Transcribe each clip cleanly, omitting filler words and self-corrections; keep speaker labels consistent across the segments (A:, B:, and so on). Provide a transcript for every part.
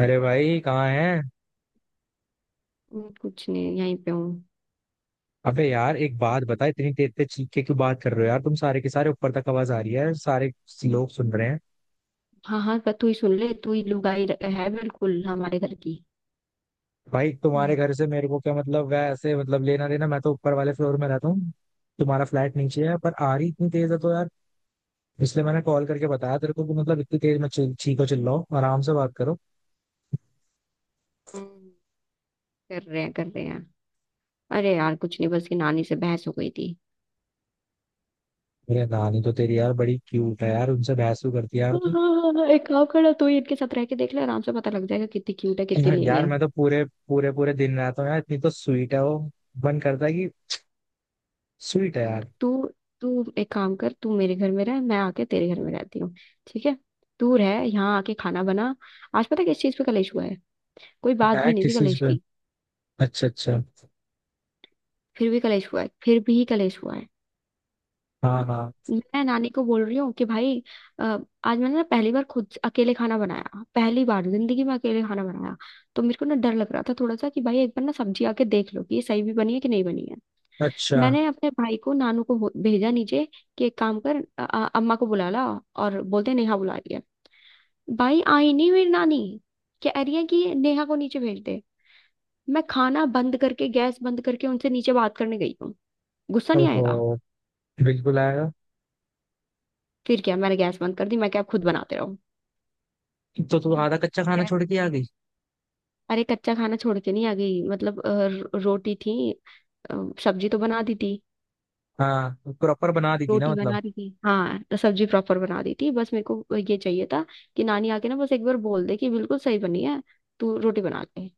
A: अरे भाई कहाँ है।
B: मैं कुछ नहीं यहीं पे हूँ।
A: अबे यार एक बात बता, इतनी तेज तेज चीख के क्यों बात कर रहे हो यार तुम सारे के सारे? ऊपर तक आवाज आ रही है, सारे लोग सुन रहे हैं।
B: हाँ हाँ, पर तू ही सुन ले, तू ही लुगाई है बिल्कुल हमारे घर की।
A: भाई तुम्हारे
B: हम्म
A: घर से मेरे को क्या मतलब, वैसे मतलब लेना देना, मैं तो ऊपर वाले फ्लोर में रहता हूँ। तुम्हारा फ्लैट नीचे है पर आ रही इतनी तेज है तो यार, इसलिए मैंने कॉल करके बताया तेरे को कि मतलब इतनी तेज मत चीखो चिल्लाओ, आराम से बात करो।
B: हम्म। कर रहे हैं, कर रहे हैं। अरे यार कुछ नहीं, बस ये नानी से बहस हो गई थी।
A: मेरे नानी तो तेरी यार बड़ी क्यूट है यार, उनसे बहस भी करती है यार
B: हाँ,
A: तू।
B: हाँ, हाँ, एक काम करना, तू ही इनके साथ रह के देख ले, आराम से पता लग जाएगा कितनी क्यूट है कितनी नहीं
A: यार
B: है।
A: मैं तो पूरे पूरे पूरे दिन रहता हूँ यार, इतनी तो स्वीट है वो। मन करता है कि स्वीट है यार।
B: तू तू एक काम कर, तू मेरे घर में रह, मैं आके तेरे घर में रहती हूँ। ठीक है, तू रह यहाँ आके खाना बना। आज पता है किस चीज पे कलेश हुआ है? कोई बात
A: है
B: भी नहीं थी
A: किस चीज
B: कलेश
A: पे?
B: की,
A: अच्छा अच्छा।
B: फिर भी कलेश हुआ है, फिर भी कलेश हुआ है।
A: हाँ हाँ।
B: मैं नानी को बोल रही हूँ कि भाई अ, आज मैंने ना पहली बार खुद से अकेले खाना बनाया, पहली बार जिंदगी में अकेले खाना बनाया। तो मेरे को ना डर लग रहा था थोड़ा सा कि भाई एक बार ना सब्जी आके देख लो कि ये सही भी बनी है कि नहीं बनी है।
A: अच्छा।
B: मैंने अपने भाई को, नानू को भेजा नीचे कि एक काम कर, अम्मा को बुला ला और बोलते नेहा बुला रही है। भाई आई नहीं मेरी नानी, कह रही है कि नेहा को नीचे भेज दे। मैं खाना बंद करके, गैस बंद करके उनसे नीचे बात करने गई हूँ। गुस्सा नहीं
A: ओहो।
B: आएगा?
A: बिल्कुल आएगा।
B: फिर क्या, मैंने गैस बंद कर दी, मैं क्या, अब खुद बनाते रहो।
A: तो तू आधा कच्चा खाना छोड़ के आ गई?
B: अरे कच्चा खाना छोड़ के नहीं आ गई, मतलब रोटी थी, अ, सब्जी तो बना दी थी।
A: हाँ प्रॉपर बना दी थी ना
B: रोटी
A: मतलब।
B: बना दी थी, हाँ, तो सब्जी प्रॉपर बना दी थी, बस मेरे को ये चाहिए था कि नानी आके ना बस एक बार बोल दे कि बिल्कुल सही बनी है, तू रोटी बना ले।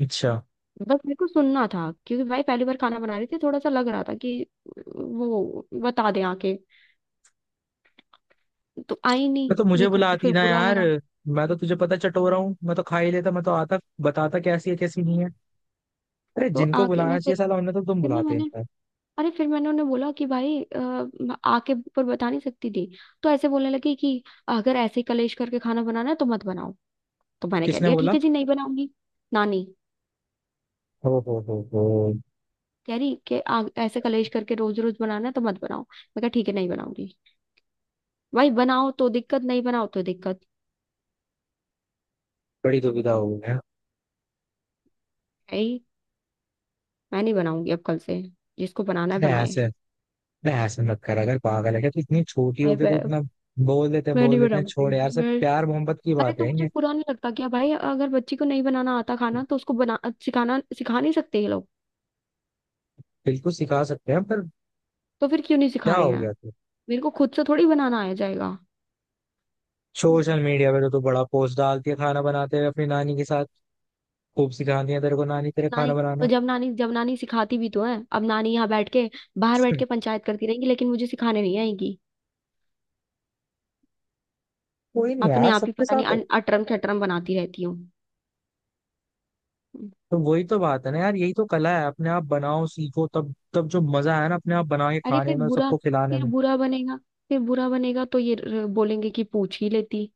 A: अच्छा।
B: बस मेरे को सुनना था क्योंकि भाई पहली बार खाना बना रही थी, थोड़ा सा लग रहा था कि वो बता दे आके। तो आई नहीं,
A: मैं तो मुझे
B: मेरे को
A: बुलाती
B: फिर
A: ना
B: बुरा
A: यार,
B: लगा।
A: मैं तो तुझे पता चटोरा हूँ, मैं तो खा ही लेता, मैं तो आता बताता कैसी है कैसी नहीं है। अरे
B: तो
A: जिनको
B: आके ना
A: बुलाना
B: फिर
A: चाहिए साला उन्हें तो तुम
B: फिर ना
A: बुलाते
B: मैंने,
A: हैं।
B: अरे फिर मैंने उन्हें बोला कि भाई आके ऊपर बता नहीं सकती थी? तो ऐसे बोलने लगी कि अगर ऐसे ही कलेश करके खाना बनाना है तो मत बनाओ। तो मैंने कह
A: किसने
B: दिया ठीक
A: बोला?
B: है जी, नहीं बनाऊंगी। नानी
A: हो हो।
B: कह रही कि ऐसे कलेश करके रोज रोज बनाना है तो मत बनाओ, मैं कहा ठीक है, नहीं बनाऊंगी। भाई बनाओ तो दिक्कत, नहीं बनाओ तो दिक्कत,
A: बड़ी दुविधा हो गई है।
B: है ही। मैं नहीं बनाऊंगी अब कल से, जिसको बनाना है
A: अरे
B: बनाए।
A: ऐसे अरे ऐसे मत कर, अगर पागल है क्या तू? इतनी छोटी हो
B: भाई
A: गई तो
B: मैं
A: इतना बोल देते हैं
B: मैं नहीं
A: बोल देते हैं,
B: बनाऊंगी,
A: छोड़ यार, सब
B: मैं,
A: प्यार मोहब्बत की
B: अरे
A: बात
B: तो
A: है
B: मुझे
A: ये।
B: बुरा नहीं लगता क्या भाई? अगर बच्ची को नहीं बनाना आता खाना तो उसको बना, सिखाना, सिखा नहीं सकते ये लोग?
A: बिल्कुल सिखा सकते हैं पर
B: तो फिर क्यों नहीं
A: क्या
B: सिखा रहे
A: हो
B: हैं?
A: गया तू?
B: मेरे को खुद से थोड़ी बनाना आ जाएगा।
A: सोशल मीडिया पे तो तू बड़ा पोस्ट डालती है खाना बनाते हुए अपनी नानी के साथ। खूब सिखाती है तेरे को नानी
B: जब
A: तेरे खाना
B: नानी तो
A: बनाना।
B: जब नानी जब नानी सिखाती भी तो है, अब नानी यहाँ बैठ के, बाहर बैठ के पंचायत करती रहेंगी लेकिन मुझे सिखाने नहीं आएंगी।
A: कोई नहीं
B: अपने
A: यार,
B: आप ही
A: सबके
B: पता नहीं
A: साथ हो।
B: अटरम खटरम बनाती रहती हूँ।
A: तो वही तो बात है ना यार, यही तो कला है, अपने आप बनाओ सीखो, तब तब जो मजा है ना अपने आप बना के
B: अरे
A: खाने में, सबको खिलाने
B: फिर
A: में।
B: बुरा बनेगा, फिर बुरा बनेगा तो ये बोलेंगे कि पूछ ही लेती।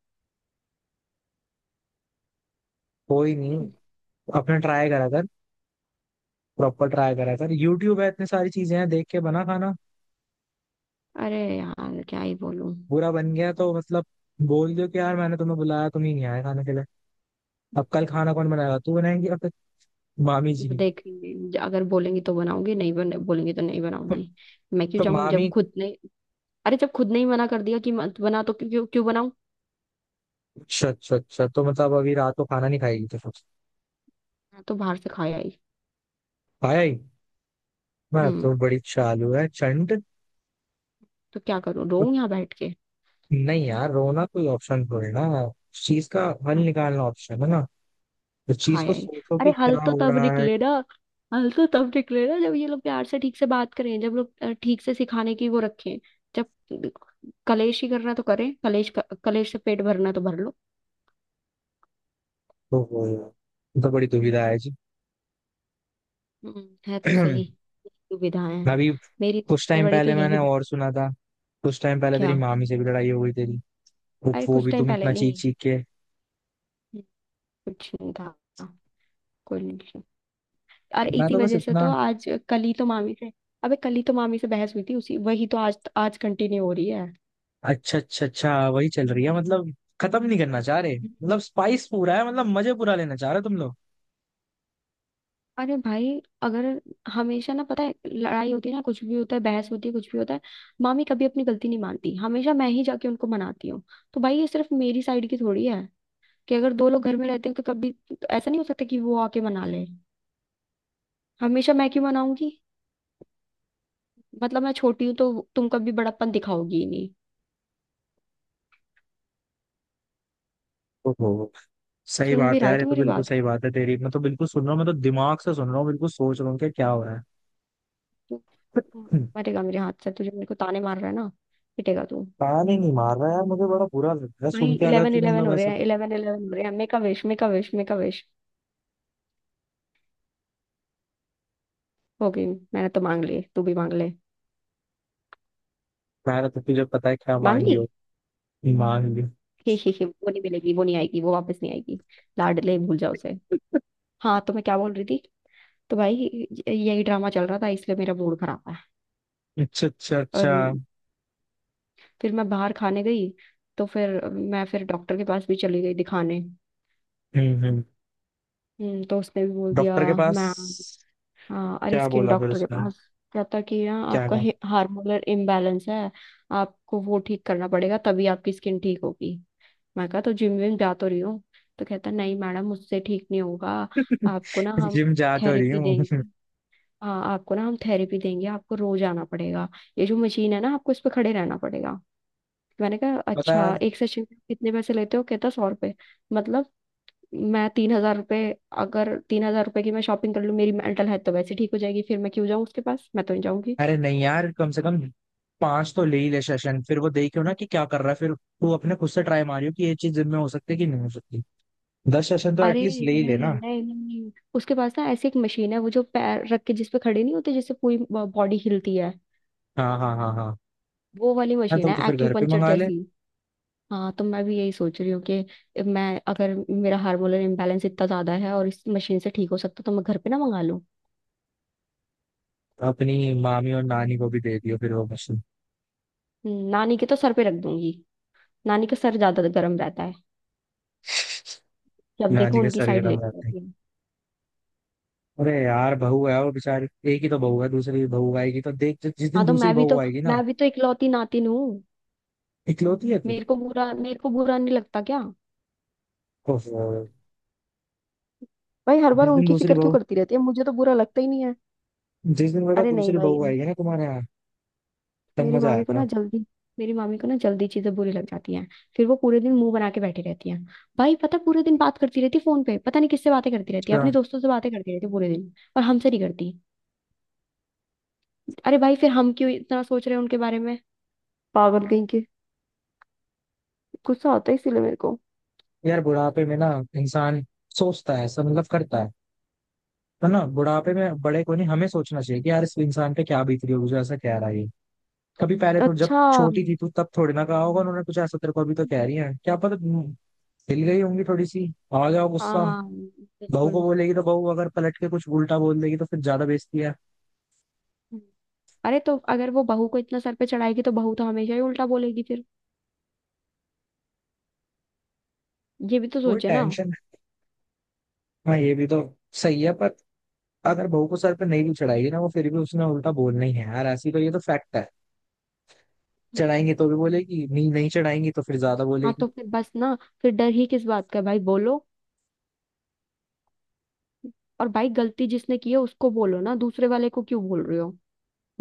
A: कोई नहीं, अपने ट्राई करा कर, प्रॉपर ट्राई करा कर, यूट्यूब है, इतनी सारी चीजें हैं, देख के बना खाना।
B: अरे यार क्या ही बोलूं।
A: बुरा बन गया तो मतलब बोल दो कि यार मैंने तुम्हें बुलाया, तुम ही नहीं आए खाने के लिए। अब कल खाना कौन बनाएगा, तू बनाएंगी या फिर मामी जी?
B: देखेंगे, अगर बोलेंगी तो बनाऊंगी, नहीं बने, बोलेंगी तो नहीं बनाऊंगी। मैं क्यों
A: तो
B: जाऊं जब
A: मामी।
B: खुद ने, अरे जब खुद ने ही मना कर दिया कि मत बना तो क्यों, क्यों, क्यों?
A: अच्छा अच्छा अच्छा, तो मतलब अभी रात को खाना नहीं खाएगी तो?
B: मैं तो बाहर से खाया ही।
A: खाया ही। मैं
B: हम्म
A: तो बड़ी चालू है चंड।
B: तो क्या करूँ, रोऊं यहाँ बैठ के?
A: नहीं यार, रोना कोई ऑप्शन थोड़ी ना, उस चीज का हल
B: हाँ तो
A: निकालना ऑप्शन है ना। उस चीज को
B: खाया ही।
A: सोचो
B: अरे
A: कि
B: हल
A: क्या
B: तो
A: हो
B: तब
A: रहा है।
B: निकलेगा, हल तो तब निकलेगा जब ये लोग प्यार से ठीक से बात करें, जब लोग ठीक से सिखाने की वो रखें, जब कलेश ही करना है तो करें कलेश। कलेश से पेट भरना है तो भर लो।
A: तो वो यार तो बड़ी दुविधा है जी।
B: है तो सही, दुविधाएं हैं।
A: अभी
B: मेरी
A: कुछ
B: सबसे
A: टाइम
B: बड़ी तो
A: पहले मैंने
B: यही।
A: और सुना था। कुछ टाइम पहले तेरी
B: क्या?
A: मामी से भी लड़ाई हो गई तेरी, वो
B: अरे
A: वो
B: कुछ
A: भी
B: टाइम
A: तुम
B: पहले
A: इतना चीख
B: नहीं,
A: चीख के।
B: कुछ नहीं था, कोई नहीं। और
A: मैं
B: इसी
A: तो बस
B: वजह से
A: इतना।
B: तो आज कल ही तो मामी से अबे कल ही तो मामी से बहस हुई थी, उसी वही तो आज आज कंटिन्यू हो रही है।
A: अच्छा अच्छा अच्छा, वही चल रही है मतलब, खत्म नहीं करना चाह रहे, मतलब स्पाइस पूरा है, मतलब मजे पूरा लेना चाह रहे हो तुम लोग।
B: अरे भाई, अगर हमेशा ना, पता है लड़ाई होती है ना, कुछ भी होता है, बहस होती है, कुछ भी होता है, मामी कभी अपनी गलती नहीं मानती, हमेशा मैं ही जाके उनको मनाती हूँ। तो भाई ये सिर्फ मेरी साइड की थोड़ी है, कि अगर दो लोग घर में रहते हैं तो कभी तो ऐसा नहीं हो सकता कि वो आके मना ले? हमेशा मैं क्यों मनाऊंगी? मतलब मैं छोटी हूँ तो तुम कभी बड़प्पन दिखाओगी ही नहीं?
A: ओहो, सही
B: सुन भी
A: बात है
B: रहा है
A: यार, ये
B: तो
A: तो
B: मेरी
A: बिल्कुल
B: बात?
A: सही बात है तेरी, मैं तो बिल्कुल सुन रहा हूँ, मैं तो दिमाग से सुन रहा हूँ, बिल्कुल सोच रहा हूँ कि क्या हो रहा है।
B: मरेगा मेरे हाथ से, तुझे, मेरे को ताने मार रहा है ना? पिटेगा तू।
A: कान ही नहीं मार रहा है यार, मुझे बड़ा बुरा लग रहा है
B: भाई
A: सुन के अगर
B: इलेवन
A: तू
B: इलेवन
A: मतलब
B: हो रहे
A: ऐसे
B: हैं, 11:11 हो रहे हैं, make a wish, make a wish, make a wish. हो गई, मैंने तो मांग ली, तू भी मांग ले।
A: कह रहा था, तुझे पता है क्या
B: मांग
A: मांगी
B: ली?
A: हो? मांगी।
B: ही, वो नहीं मिलेगी, वो नहीं आएगी, वो वापस नहीं आएगी, लाडले भूल जाओ उसे। हाँ, तो मैं क्या बोल रही थी। तो भाई यही ड्रामा चल रहा था, इसलिए मेरा मूड खराब है।
A: अच्छा अच्छा
B: और
A: अच्छा।
B: फिर मैं बाहर खाने गई, तो फिर डॉक्टर के पास भी चली गई दिखाने।
A: हम्म।
B: तो उसने भी बोल दिया।
A: डॉक्टर के पास?
B: मैम, हाँ, अरे
A: क्या
B: स्किन
A: बोला फिर
B: डॉक्टर के
A: उसने?
B: पास। कहता कि ना,
A: क्या
B: आपका
A: कहा?
B: हार्मोनल इम्बैलेंस है, आपको वो ठीक करना पड़ेगा, तभी आपकी स्किन ठीक होगी। मैं कहा तो जिम विम जा तो रही हूँ। तो कहता नहीं मैडम, मुझसे ठीक नहीं होगा, आपको ना हम
A: जिम जा तो रही
B: थेरेपी
A: हूँ?
B: देंगे हाँ, आपको ना हम थेरेपी देंगे, आपको रोज आना पड़ेगा, ये जो मशीन है ना, आपको इस पे खड़े रहना पड़ेगा। मैंने कहा
A: पता है
B: अच्छा
A: यार।
B: एक सेशन के कितने पैसे लेते हो? कहता 100 रुपए। मतलब, मैं 3,000 रुपये, अगर 3,000 रुपये की मैं शॉपिंग कर लूँ मेरी मेंटल हेल्थ तो वैसे ठीक हो जाएगी, फिर मैं क्यों जाऊँ उसके पास? मैं तो नहीं जाऊंगी।
A: अरे नहीं यार, कम से कम पांच तो ले ही ले सेशन, फिर वो देखियो ना कि क्या कर रहा है, फिर तू अपने खुद से ट्राई मारियो कि ये चीज जिम में हो सकती है कि नहीं हो सकती। दस सेशन तो
B: अरे
A: एटलीस्ट ले ही ले
B: नहीं,
A: ना।
B: नहीं, नहीं, उसके पास ना ऐसी एक मशीन है वो, जो पैर रख के, जिस पे खड़े नहीं होते, जिससे पूरी बॉडी हिलती है,
A: हाँ हाँ हाँ हाँ।
B: वो वाली
A: हाँ
B: मशीन
A: तो,
B: है
A: तो फिर घर पे
B: एक्यूपंक्चर
A: मंगा ले।
B: जैसी। हाँ तो मैं भी यही सोच रही हूँ कि मैं, अगर मेरा हार्मोनल इम्बैलेंस इतना ज्यादा है और इस मशीन से ठीक हो सकता, तो मैं घर पे ना मंगा लूँ।
A: अपनी मामी और नानी को भी दे दियो फिर वो मशीन।
B: नानी के तो सर पे रख दूंगी, नानी का सर ज्यादा गर्म रहता है, जब देखो
A: नानी के
B: उनकी
A: सर
B: साइड
A: गर्म
B: लेती
A: रहते हैं?
B: रहती है।
A: अरे यार बहू है वो बेचारी। एक ही तो बहू है, दूसरी बहू आएगी तो देख, जिस दिन
B: हाँ तो
A: दूसरी
B: मैं भी
A: बहू
B: तो
A: आएगी ना।
B: मैं भी तो इकलौती नातिन हूँ।
A: इकलौती है तू?
B: मेरे को बुरा नहीं लगता क्या?
A: ओहो।
B: भाई हर बार
A: जिस दिन
B: उनकी
A: दूसरी
B: फिक्र क्यों
A: बहू
B: करती रहती है? मुझे तो बुरा लगता ही नहीं है।
A: जिस दिन बेटा
B: अरे नहीं
A: दूसरी
B: भाई,
A: बहू आएगी ना तुम्हारे यहाँ, तब
B: मेरी
A: मजा
B: मामी को ना
A: आएगा।
B: जल्दी मेरी मामी को ना जल्दी चीजें बुरी लग जाती हैं, फिर वो पूरे दिन मुंह बना के बैठी रहती हैं। भाई पता है, पूरे दिन बात करती रहती है फोन पे, पता नहीं किससे बातें करती रहती है, अपने दोस्तों से बातें करती रहती है पूरे दिन, और हमसे नहीं करती। अरे भाई फिर हम क्यों इतना सोच रहे हैं उनके बारे में, पागल गई के। गुस्सा आता है इसीलिए मेरे को।
A: यार बुढ़ापे में ना इंसान सोचता है सब, मतलब करता है। तो ना बुढ़ापे में बड़े को नहीं, हमें सोचना चाहिए कि यार इस इंसान पे क्या बीत रही होगी जो ऐसा कह रहा है ये। कभी पहले थोड़ी, जब
B: अच्छा।
A: छोटी थी तू तब थोड़ी ना कहा होगा उन्होंने कुछ ऐसा तेरे को, अभी तो कह रही है, क्या पता हिल गई होंगी थोड़ी सी, आ गया हो
B: हाँ
A: गुस्सा।
B: हाँ
A: बहू को
B: बिल्कुल।
A: बोलेगी तो बहू अगर पलट के कुछ उल्टा बोल देगी तो फिर ज्यादा बेइज्जती है।
B: अरे तो अगर वो बहू को इतना सर पे चढ़ाएगी तो बहू तो हमेशा ही उल्टा बोलेगी फिर, ये भी तो
A: वो
B: सोचे ना?
A: टेंशन। हाँ ये भी तो सही है पर, अगर बहू को सर पे नहीं भी चढ़ाएगी ना वो, फिर भी उसने उल्टा बोलना ही है यार ऐसी, तो ये तो फैक्ट है। चढ़ाएंगे तो भी बोलेगी, नहीं नहीं चढ़ाएंगी तो फिर ज्यादा
B: हाँ
A: बोलेगी।
B: तो फिर बस ना, फिर डर ही किस बात का भाई, बोलो। और भाई गलती जिसने की है उसको बोलो ना, दूसरे वाले को क्यों बोल रहे हो?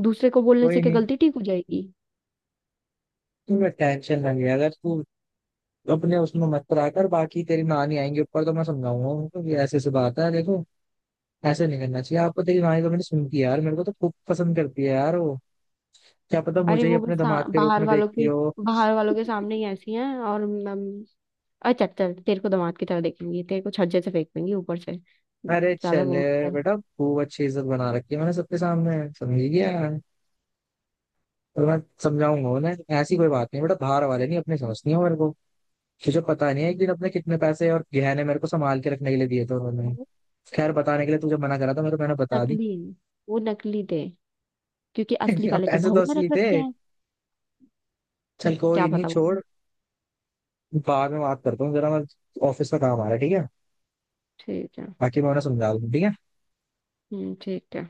B: दूसरे को बोलने से
A: कोई
B: क्या
A: नहीं,
B: गलती ठीक हो जाएगी?
A: तुम्हें टेंशन ना ले, अगर तू अपने उसमें मत पड़ा कर, बाकी तेरी नानी आएंगे ऊपर तो मैं समझाऊंगा उनको कि ऐसे ऐसे बात है देखो, ऐसे नहीं करना चाहिए आपको। तेरी नानी तो मैंने सुन की यार, मेरे को तो खूब पसंद करती है यार वो। क्या पता
B: अरे
A: मुझे ही
B: वो बस
A: अपने दामाद के रूप में देखती हो।
B: बाहर वालों के सामने ही ऐसी हैं, और अरे चल चल, तेरे को दामाद की तरह देखेंगी? तेरे को छज्जे से फेंक देंगी ऊपर से,
A: अरे
B: ज्यादा
A: चले
B: वो मत कर।
A: बेटा, खूब अच्छी इज्जत बना रखी है मैंने सबके सामने समझी गया। और मैं समझाऊंगा उन्हें ऐसी कोई बात नहीं बेटा, बाहर वाले नहीं अपने समझती हो मेरे को। तुझे पता नहीं है, एक दिन अपने कितने पैसे और गहने मेरे को संभाल के रखने के लिए दिए थे उन्होंने। खैर बताने के लिए तुझे मना करा था, मेरे को मैंने बता दिया।
B: नकली, वो नकली थे, क्योंकि असली
A: अब
B: वाले तो
A: पैसे तो
B: बहू ने रख
A: असली थे।
B: रखे हैं।
A: चल
B: क्या
A: कोई नहीं,
B: पता।
A: छोड़, बाद में बात करता हूँ जरा मैं, ऑफिस का काम आ रहा है, ठीक है?
B: ठीक है।
A: बाकी मैं उन्हें समझा दूँ, ठीक है।
B: ठीक है।